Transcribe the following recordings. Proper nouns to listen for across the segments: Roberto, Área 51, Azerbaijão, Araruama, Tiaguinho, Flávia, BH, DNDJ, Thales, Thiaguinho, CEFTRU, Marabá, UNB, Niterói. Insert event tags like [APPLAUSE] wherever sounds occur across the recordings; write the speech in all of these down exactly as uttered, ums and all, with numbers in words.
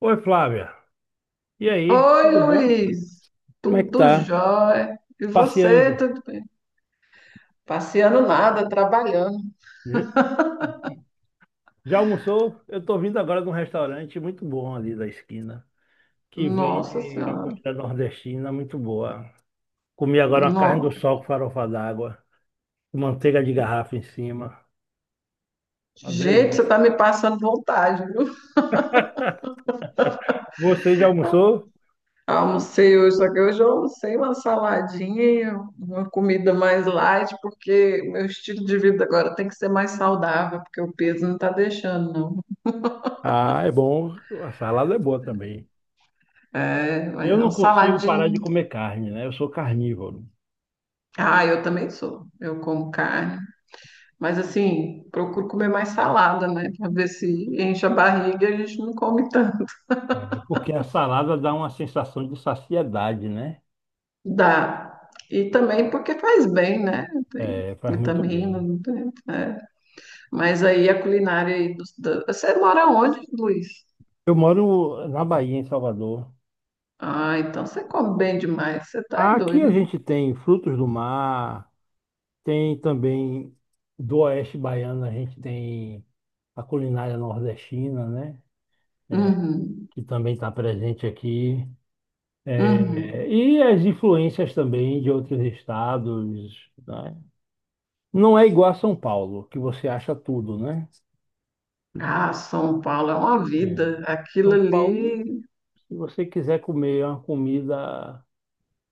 Oi, Flávia. E aí? Oi, Tudo bom? Luiz. Como é que Tudo tá? jóia. E você, Passeando. tudo bem? Passeando nada, trabalhando. Já já almoçou? Eu tô vindo agora de um restaurante muito bom ali da esquina, que Nossa vende uma Senhora. comida nordestina muito boa. Comi agora uma carne do Não. sol com farofa d'água, com manteiga de garrafa em cima. Uma Gente, você delícia. tá me passando vontade, viu? Você já almoçou? Almocei hoje, só que hoje eu almocei uma saladinha, uma comida mais light, porque meu estilo de vida agora tem que ser mais saudável, porque o peso não tá deixando, não. Ah, é bom. A salada é boa também. É, mas Eu é não um consigo parar saladinho. de comer carne, né? Eu sou carnívoro. Ah, eu também sou. Eu como carne. Mas assim, procuro comer mais salada, né? Para ver se enche a barriga e a gente não come tanto. É, porque a salada dá uma sensação de saciedade, né? Dá. E também porque faz bem, né? Tem É, faz muito vitamina, bem. não tem, né? Mas aí a culinária aí dos- da- você mora onde, Luiz? Eu moro na Bahia, em Salvador. Ah, então você come bem demais. Você tá é Aqui doido. a gente tem frutos do mar, tem também do oeste baiano, a gente tem a culinária nordestina, né? É, Uhum, que também está presente aqui. É, uhum. e as influências também de outros estados, né? Não é igual a São Paulo, que você acha tudo, né? Ah, São Paulo é uma É. vida. Aquilo São Paulo, ali, se você quiser comer uma comida.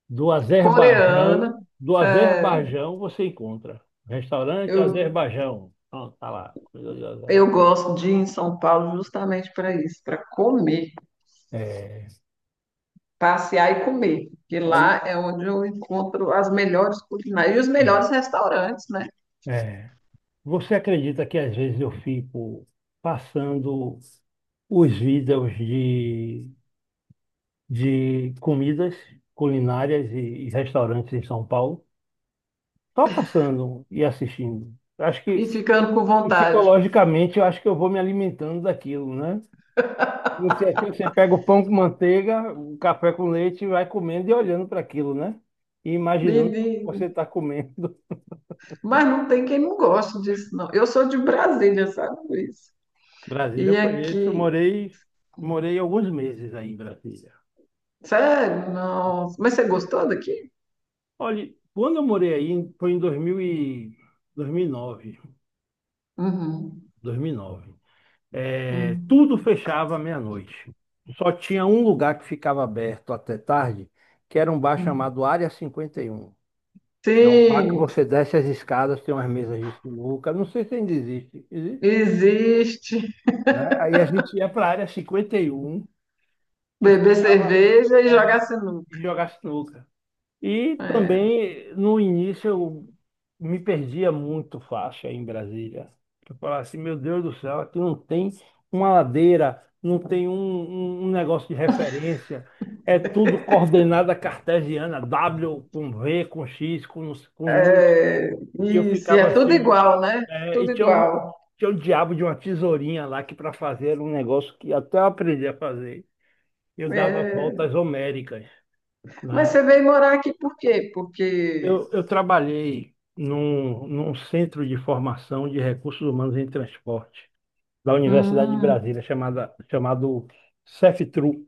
Do Azerbaijão, coreana. do É, Azerbaijão você encontra. Restaurante eu, Azerbaijão. Pronto, tá lá. Comida de eu Azerbaijão. gosto de ir em São Paulo justamente para isso, para comer, É, passear e comer, porque olha, lá é onde eu encontro as melhores culinárias e os melhores restaurantes, né? é, você acredita que às vezes eu fico passando os vídeos de, de comidas culinárias e, e restaurantes em São Paulo? Só passando e assistindo. Eu Acho que E ficando com vontade. psicologicamente eu acho que eu vou me alimentando daquilo, né? Você, aqui, você pega o pão com manteiga, o café com leite e vai comendo e olhando para aquilo, né? E imaginando o que você Menino, está comendo. mas não tem quem não goste disso, não. Eu sou de Brasília, sabe, Luiz? [LAUGHS] Brasília E eu conheço, eu aqui, morei, morei alguns meses aí em Brasília. sério, nossa. Mas você gostou daqui? Olha, quando eu morei aí, foi em 2000 e- 2009, Uhum, dois mil e nove. É, uhum, tudo fechava à meia-noite. Só tinha um lugar que ficava aberto até tarde, que era um bar uhum. chamado Área cinquenta e um. É um bar que Sim, você desce as escadas, tem umas mesas de sinuca. Não sei se ainda existe, existe, existe, né? Aí a gente ia para a área cinquenta e um e beber ficava lá, cerveja e é, jogar sinuca. e jogava sinuca. E É, também, no início, eu me perdia muito faixa em Brasília. Eu falava assim, meu Deus do céu, aqui não tem uma ladeira, não tem um, um um negócio de referência. É tudo coordenada cartesiana, W com V, com X, com, com número. é, E eu isso, e é ficava tudo assim, igual, né? é, e Tudo tinha um, igual. tinha um diabo de uma tesourinha lá que para fazer era um negócio que até eu aprendi a fazer. Eu dava É. voltas homéricas, Mas né? você veio morar aqui por quê? Porque. Eu, eu trabalhei num, num, centro de formação de recursos humanos em transporte da Universidade de Hum, Brasília, chamada, chamado CEFTRU.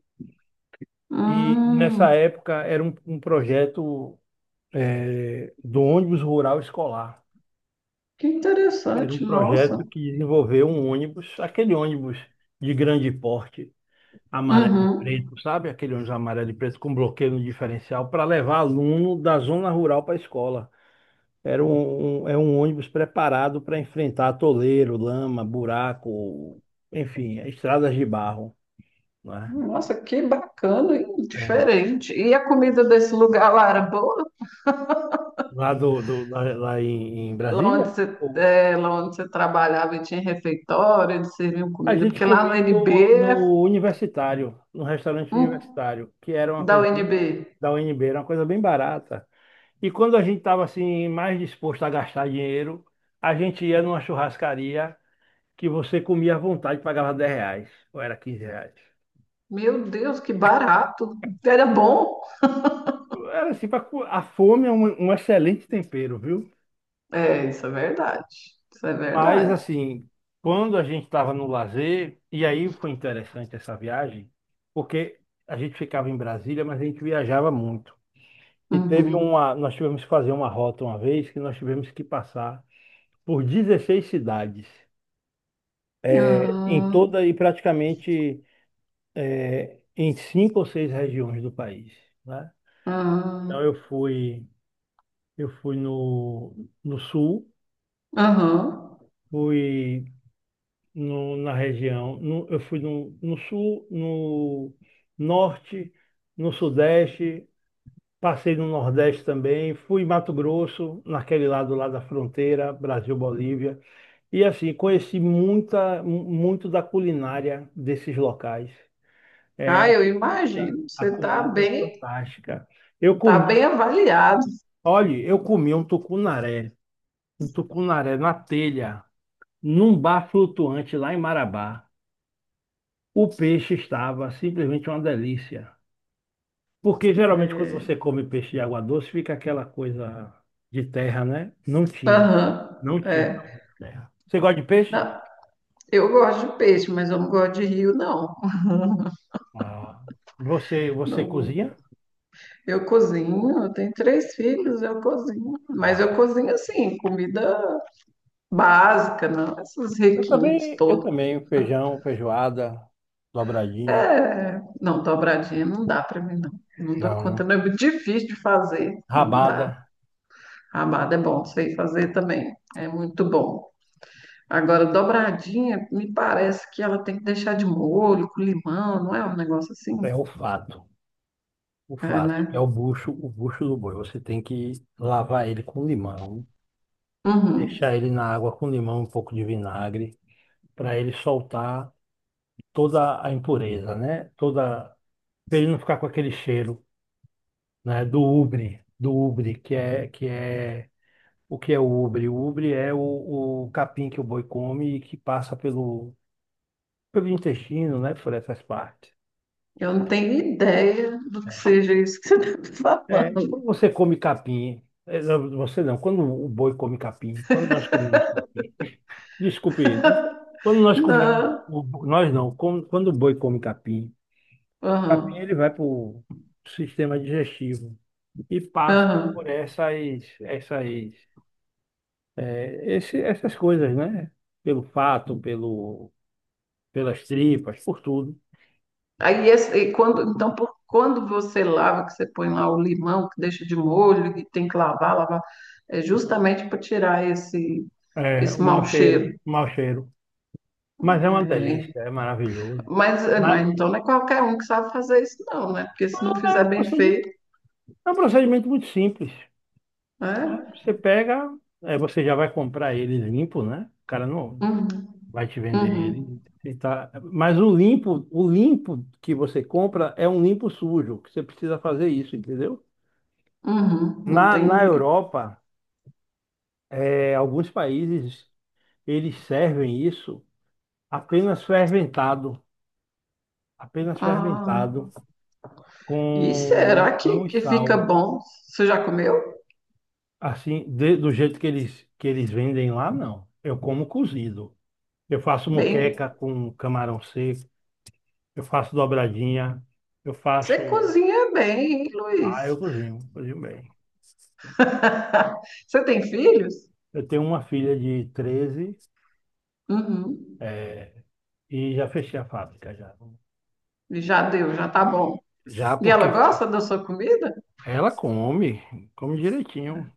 E nessa hum, época era um, um projeto eh, do ônibus rural escolar. que Era um interessante, nossa. projeto que desenvolveu um ônibus, aquele ônibus de grande porte amarelo e Uhum. preto, sabe? Aquele ônibus amarelo e preto com bloqueio no diferencial para levar aluno da zona rural para a escola. Era um, um- é um ônibus preparado para enfrentar atoleiro, lama, buraco, enfim, estradas de barro, né? Nossa, que bacana, hein? É, Diferente. E a comida desse lugar lá era boa? lá do, do- lá, lá em, em Lá onde Brasília, você, o- é, lá onde você trabalhava e tinha refeitório, eles serviam a comida? gente Porque lá no comia no, N B é no universitário, no restaurante hum, universitário, que era uma da coisa bem, U N B. da U N B, era uma coisa bem barata. E quando a gente estava assim mais disposto a gastar dinheiro, a gente ia numa churrascaria que você comia à vontade, pagava dez reais, ou era quinze reais. Meu Deus, que barato! Era bom. Era assim, pra cu- a fome é um, um excelente... tempero, viu? É, isso é verdade. Isso é Mas verdade. assim, quando a gente estava no lazer, e aí foi interessante essa viagem, porque a gente ficava em Brasília, mas a gente viajava muito. E teve Uhum. uma, nós tivemos que fazer uma rota uma vez que nós tivemos que passar por dezesseis cidades em Ah, toda e praticamente é, em cinco ou seis regiões do país, né? Então ah. eu fui, eu fui no, no sul, Aham. fui no- na região, no- eu fui no, no sul, no norte, no sudeste, passei no nordeste também, fui em Mato Grosso, naquele lado lá da fronteira, Brasil-Bolívia, e assim, conheci muita, mu- muito da culinária desses locais. É, Ah, a eu comida imagino. a Você está comida é bem, fantástica. Eu tá bem comi avaliado. Olha, eu comi um tucunaré, um tucunaré na telha, num bar flutuante lá em Marabá. O peixe estava simplesmente uma delícia. Porque geralmente quando É. você come peixe de água doce, fica aquela coisa de terra, né? Não tinha. Aham. Não tinha sabor É. de terra. Você gosta de peixe? Não, eu gosto de peixe, mas eu não gosto de rio, não. Ah. Você, você Não. cozinha? Eu cozinho, eu tenho três filhos, eu cozinho. Mas eu Ah. cozinho assim, comida básica, não. Esses Eu requintes também, eu todos. também, feijão, feijoada, dobradinha. É, não, dobradinha não dá para mim, não. Não dou Não, conta, né? não. É muito difícil de fazer. Não dá. Rabada, Rabada é bom, sei fazer também. É muito bom. Agora, dobradinha, me parece que ela tem que deixar de molho, com limão, não é um negócio assim? é o fato. O É, fato que é né? o bucho, o bucho do boi. Você tem que lavar ele com limão, Uhum. deixar ele na água com limão, um pouco de vinagre, para ele soltar toda a impureza, né? Toda, para ele não ficar com aquele cheiro, né? Do ubre, do ubre, que é que é o que é o ubre? O ubre é o, o capim que o boi come e que passa pelo pelo intestino, né? Por essas partes. Eu não tenho ideia do que seja isso que você está [LAUGHS] É, falando. quando você come capim, é, não, você não, quando o boi come capim, quando nós comemos capim Desculpe, né? Quando nós comemos, Não. o- nós não, quando, quando o boi come capim, capim Aham. ele vai para o sistema digestivo e passa por Aham. essas, essas, é, esse- essas coisas, né? Pelo fato, pelo, pelas tripas, por tudo. Aí, esse- e quando, então, por, quando você lava, que você põe lá o limão, que deixa de molho, que tem que lavar, lavar, é justamente para tirar esse, É, esse o mau mau cheiro, cheiro. o mau cheiro. Mas é uma Né? delícia, é maravilhoso. Mas, Mas mas então não é qualquer um que sabe fazer isso, não, né? Porque se não é fizer um bem procedi- feito. é um procedimento muito simples. É? Você pega, é, você já vai comprar ele limpo, né? O cara não. Uhum, Vai te vender uhum, ele. E tá- Mas o limpo, o limpo que você compra é um limpo sujo, que você precisa fazer isso, entendeu? uhum, Na, na entendi. Europa, é, alguns países, eles servem isso apenas fermentado, apenas fermentado, Ah, e com será que, não e que fica sal. bom? Você já comeu? Assim, de- do jeito que eles, que eles vendem lá, não. Eu como cozido. Eu faço moqueca Bem, com camarão seco, eu faço dobradinha, eu você faço... cozinha bem, hein, Luiz? Ah, eu cozinho, cozinho bem. [LAUGHS] Você tem filhos? Eu tenho uma filha de treze Uhum, é, e já fechei a fábrica já. já deu, já tá bom. Já E ela porque gosta da sua comida? ela come, come direitinho.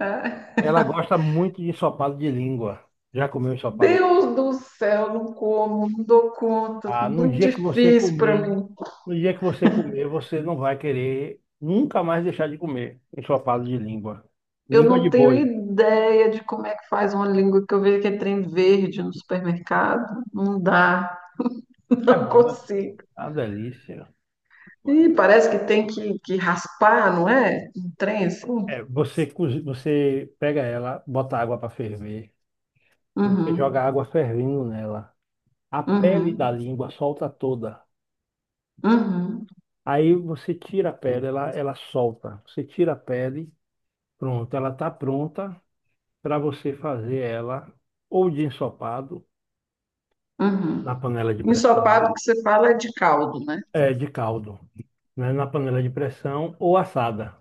É. Ela gosta muito de ensopado de língua. Já comeu ensopado? Deus do céu, não como, não dou conta, Ah, no muito dia que você difícil para comer, mim. no dia que você comer, você não vai querer nunca mais deixar de comer ensopado de língua. Eu Língua de não tenho boi. ideia de como é que faz uma língua que eu vejo que é trem verde no supermercado. Não dá. [LAUGHS] É Não bom, é consigo. uma delícia. E parece que tem que, que raspar, não é? Um trem assim. É, você, cozi- você pega ela, bota água para ferver, você joga Uhum, água fervendo nela. A pele da uhum, língua solta toda. uhum, Aí você tira a pele, ela, ela solta. Você tira a pele, pronto, ela está pronta para você fazer ela ou de ensopado na uhum. panela de pressão, Ensopado que você fala é de caldo, né? é, de caldo, né, na panela de pressão ou assada,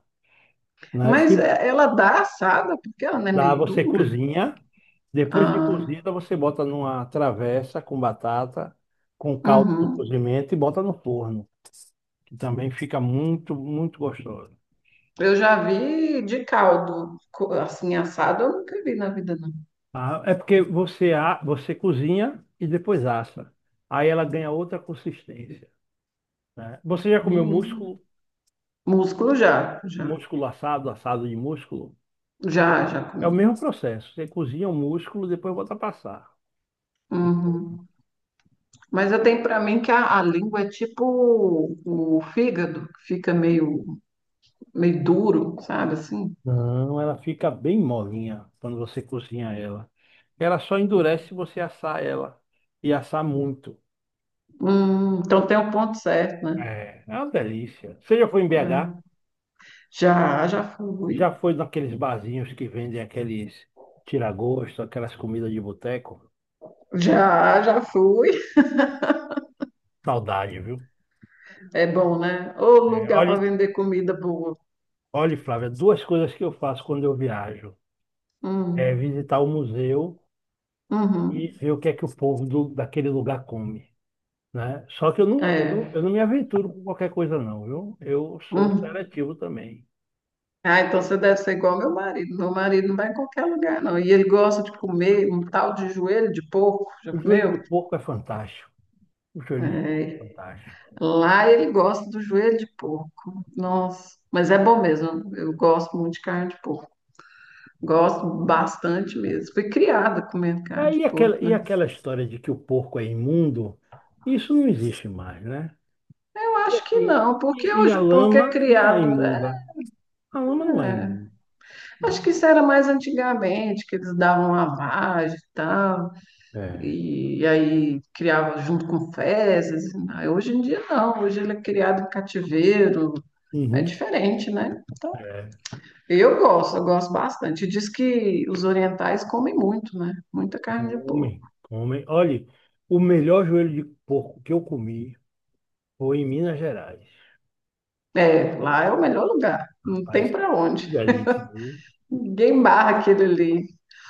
né? Se Mas é- ela dá assada porque ela não é dá, meio você dura. cozinha. Depois de Ah, cozida, você bota numa travessa com batata, com caldo do uhum. cozimento e bota no forno, que também fica muito, muito gostoso. Eu já vi de caldo, co- assim, assado eu nunca vi na vida, não. Ah, é porque você, a- você cozinha e depois assa. Aí ela ganha outra consistência, né? Você já comeu Menino. músculo, Músculo já, já, músculo assado, assado de músculo? já, já É o comi. mesmo processo. Você cozinha o músculo, depois bota a passar. Uhum. Mas eu tenho para mim que a, a língua é tipo o, o fígado, que fica meio, meio duro, sabe assim? Não, ela fica bem molinha quando você cozinha ela. Ela só endurece se você assar ela. E assar muito. Hum, então tem um ponto certo, né? É, é uma delícia. Você já foi em B H? É. Já, já fui. Já foi naqueles barzinhos que vendem aqueles tira-gosto, aquelas comidas de boteco? Já, já fui. Saudade, viu? É bom, né? Ô É, lugar para olhe, vender comida boa. olhe, Flávia, duas coisas que eu faço quando eu viajo. É Hum, visitar o museu e uhum, ver o que é que o povo do- daquele lugar come, né? Só que eu não, eu não, eu é. não me aventuro com qualquer coisa, não, viu? Eu sou Hum. seletivo também. Ah, então você deve ser igual ao meu marido. Meu marido não vai em qualquer lugar, não. E ele gosta de comer um tal de joelho de porco. Já O joelho comeu? de porco é fantástico. O joelho de porco é É. fantástico. Lá ele gosta do joelho de porco. Nossa, mas é bom mesmo. Eu gosto muito de carne de porco. Gosto bastante É, mesmo. Fui criada comendo carne É, de e porco, aquela, e né? aquela história de que o porco é imundo, isso não existe mais, né? Eu E, acho que assim, não, porque e- e hoje a o porco é lama não é criado. imunda. A lama não é Né? imunda, Acho né? que isso era mais antigamente, que eles davam lavagem e tal, É. e aí criava junto com fezes. Aí hoje em dia não, hoje ele é criado em cativeiro. É Uhum. diferente, né? É, Eu gosto, eu gosto bastante. Diz que os orientais comem muito, né? Muita carne de porco. come, come. Olha, o melhor joelho de porco que eu comi foi em Minas Gerais. É, lá é o melhor lugar. Não Rapaz, tem para onde. que delícia. Viu? Ninguém barra aquele ali.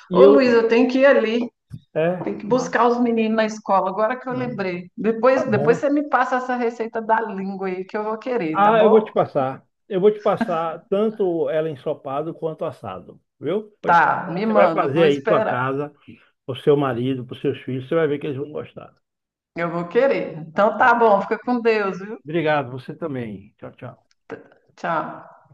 E Ô, eu, Luiz, eu tenho que ir ali. é, Tem que mas buscar os meninos na escola, agora que eu ah, lembrei. tá Depois, depois bom. você me passa essa receita da língua aí que eu vou querer, tá Ah, eu vou bom? te passar. Eu vou te passar tanto ela ensopado quanto assado, viu? Vou te Tá, passar. me Você vai manda, eu fazer vou aí tua esperar. casa, pro seu marido, pros seus filhos, você vai ver que eles vão gostar. Eu vou querer. Então Tá tá bom. bom, fica com Deus, viu? Obrigado, você também. Tchau, tchau. T- Tchau.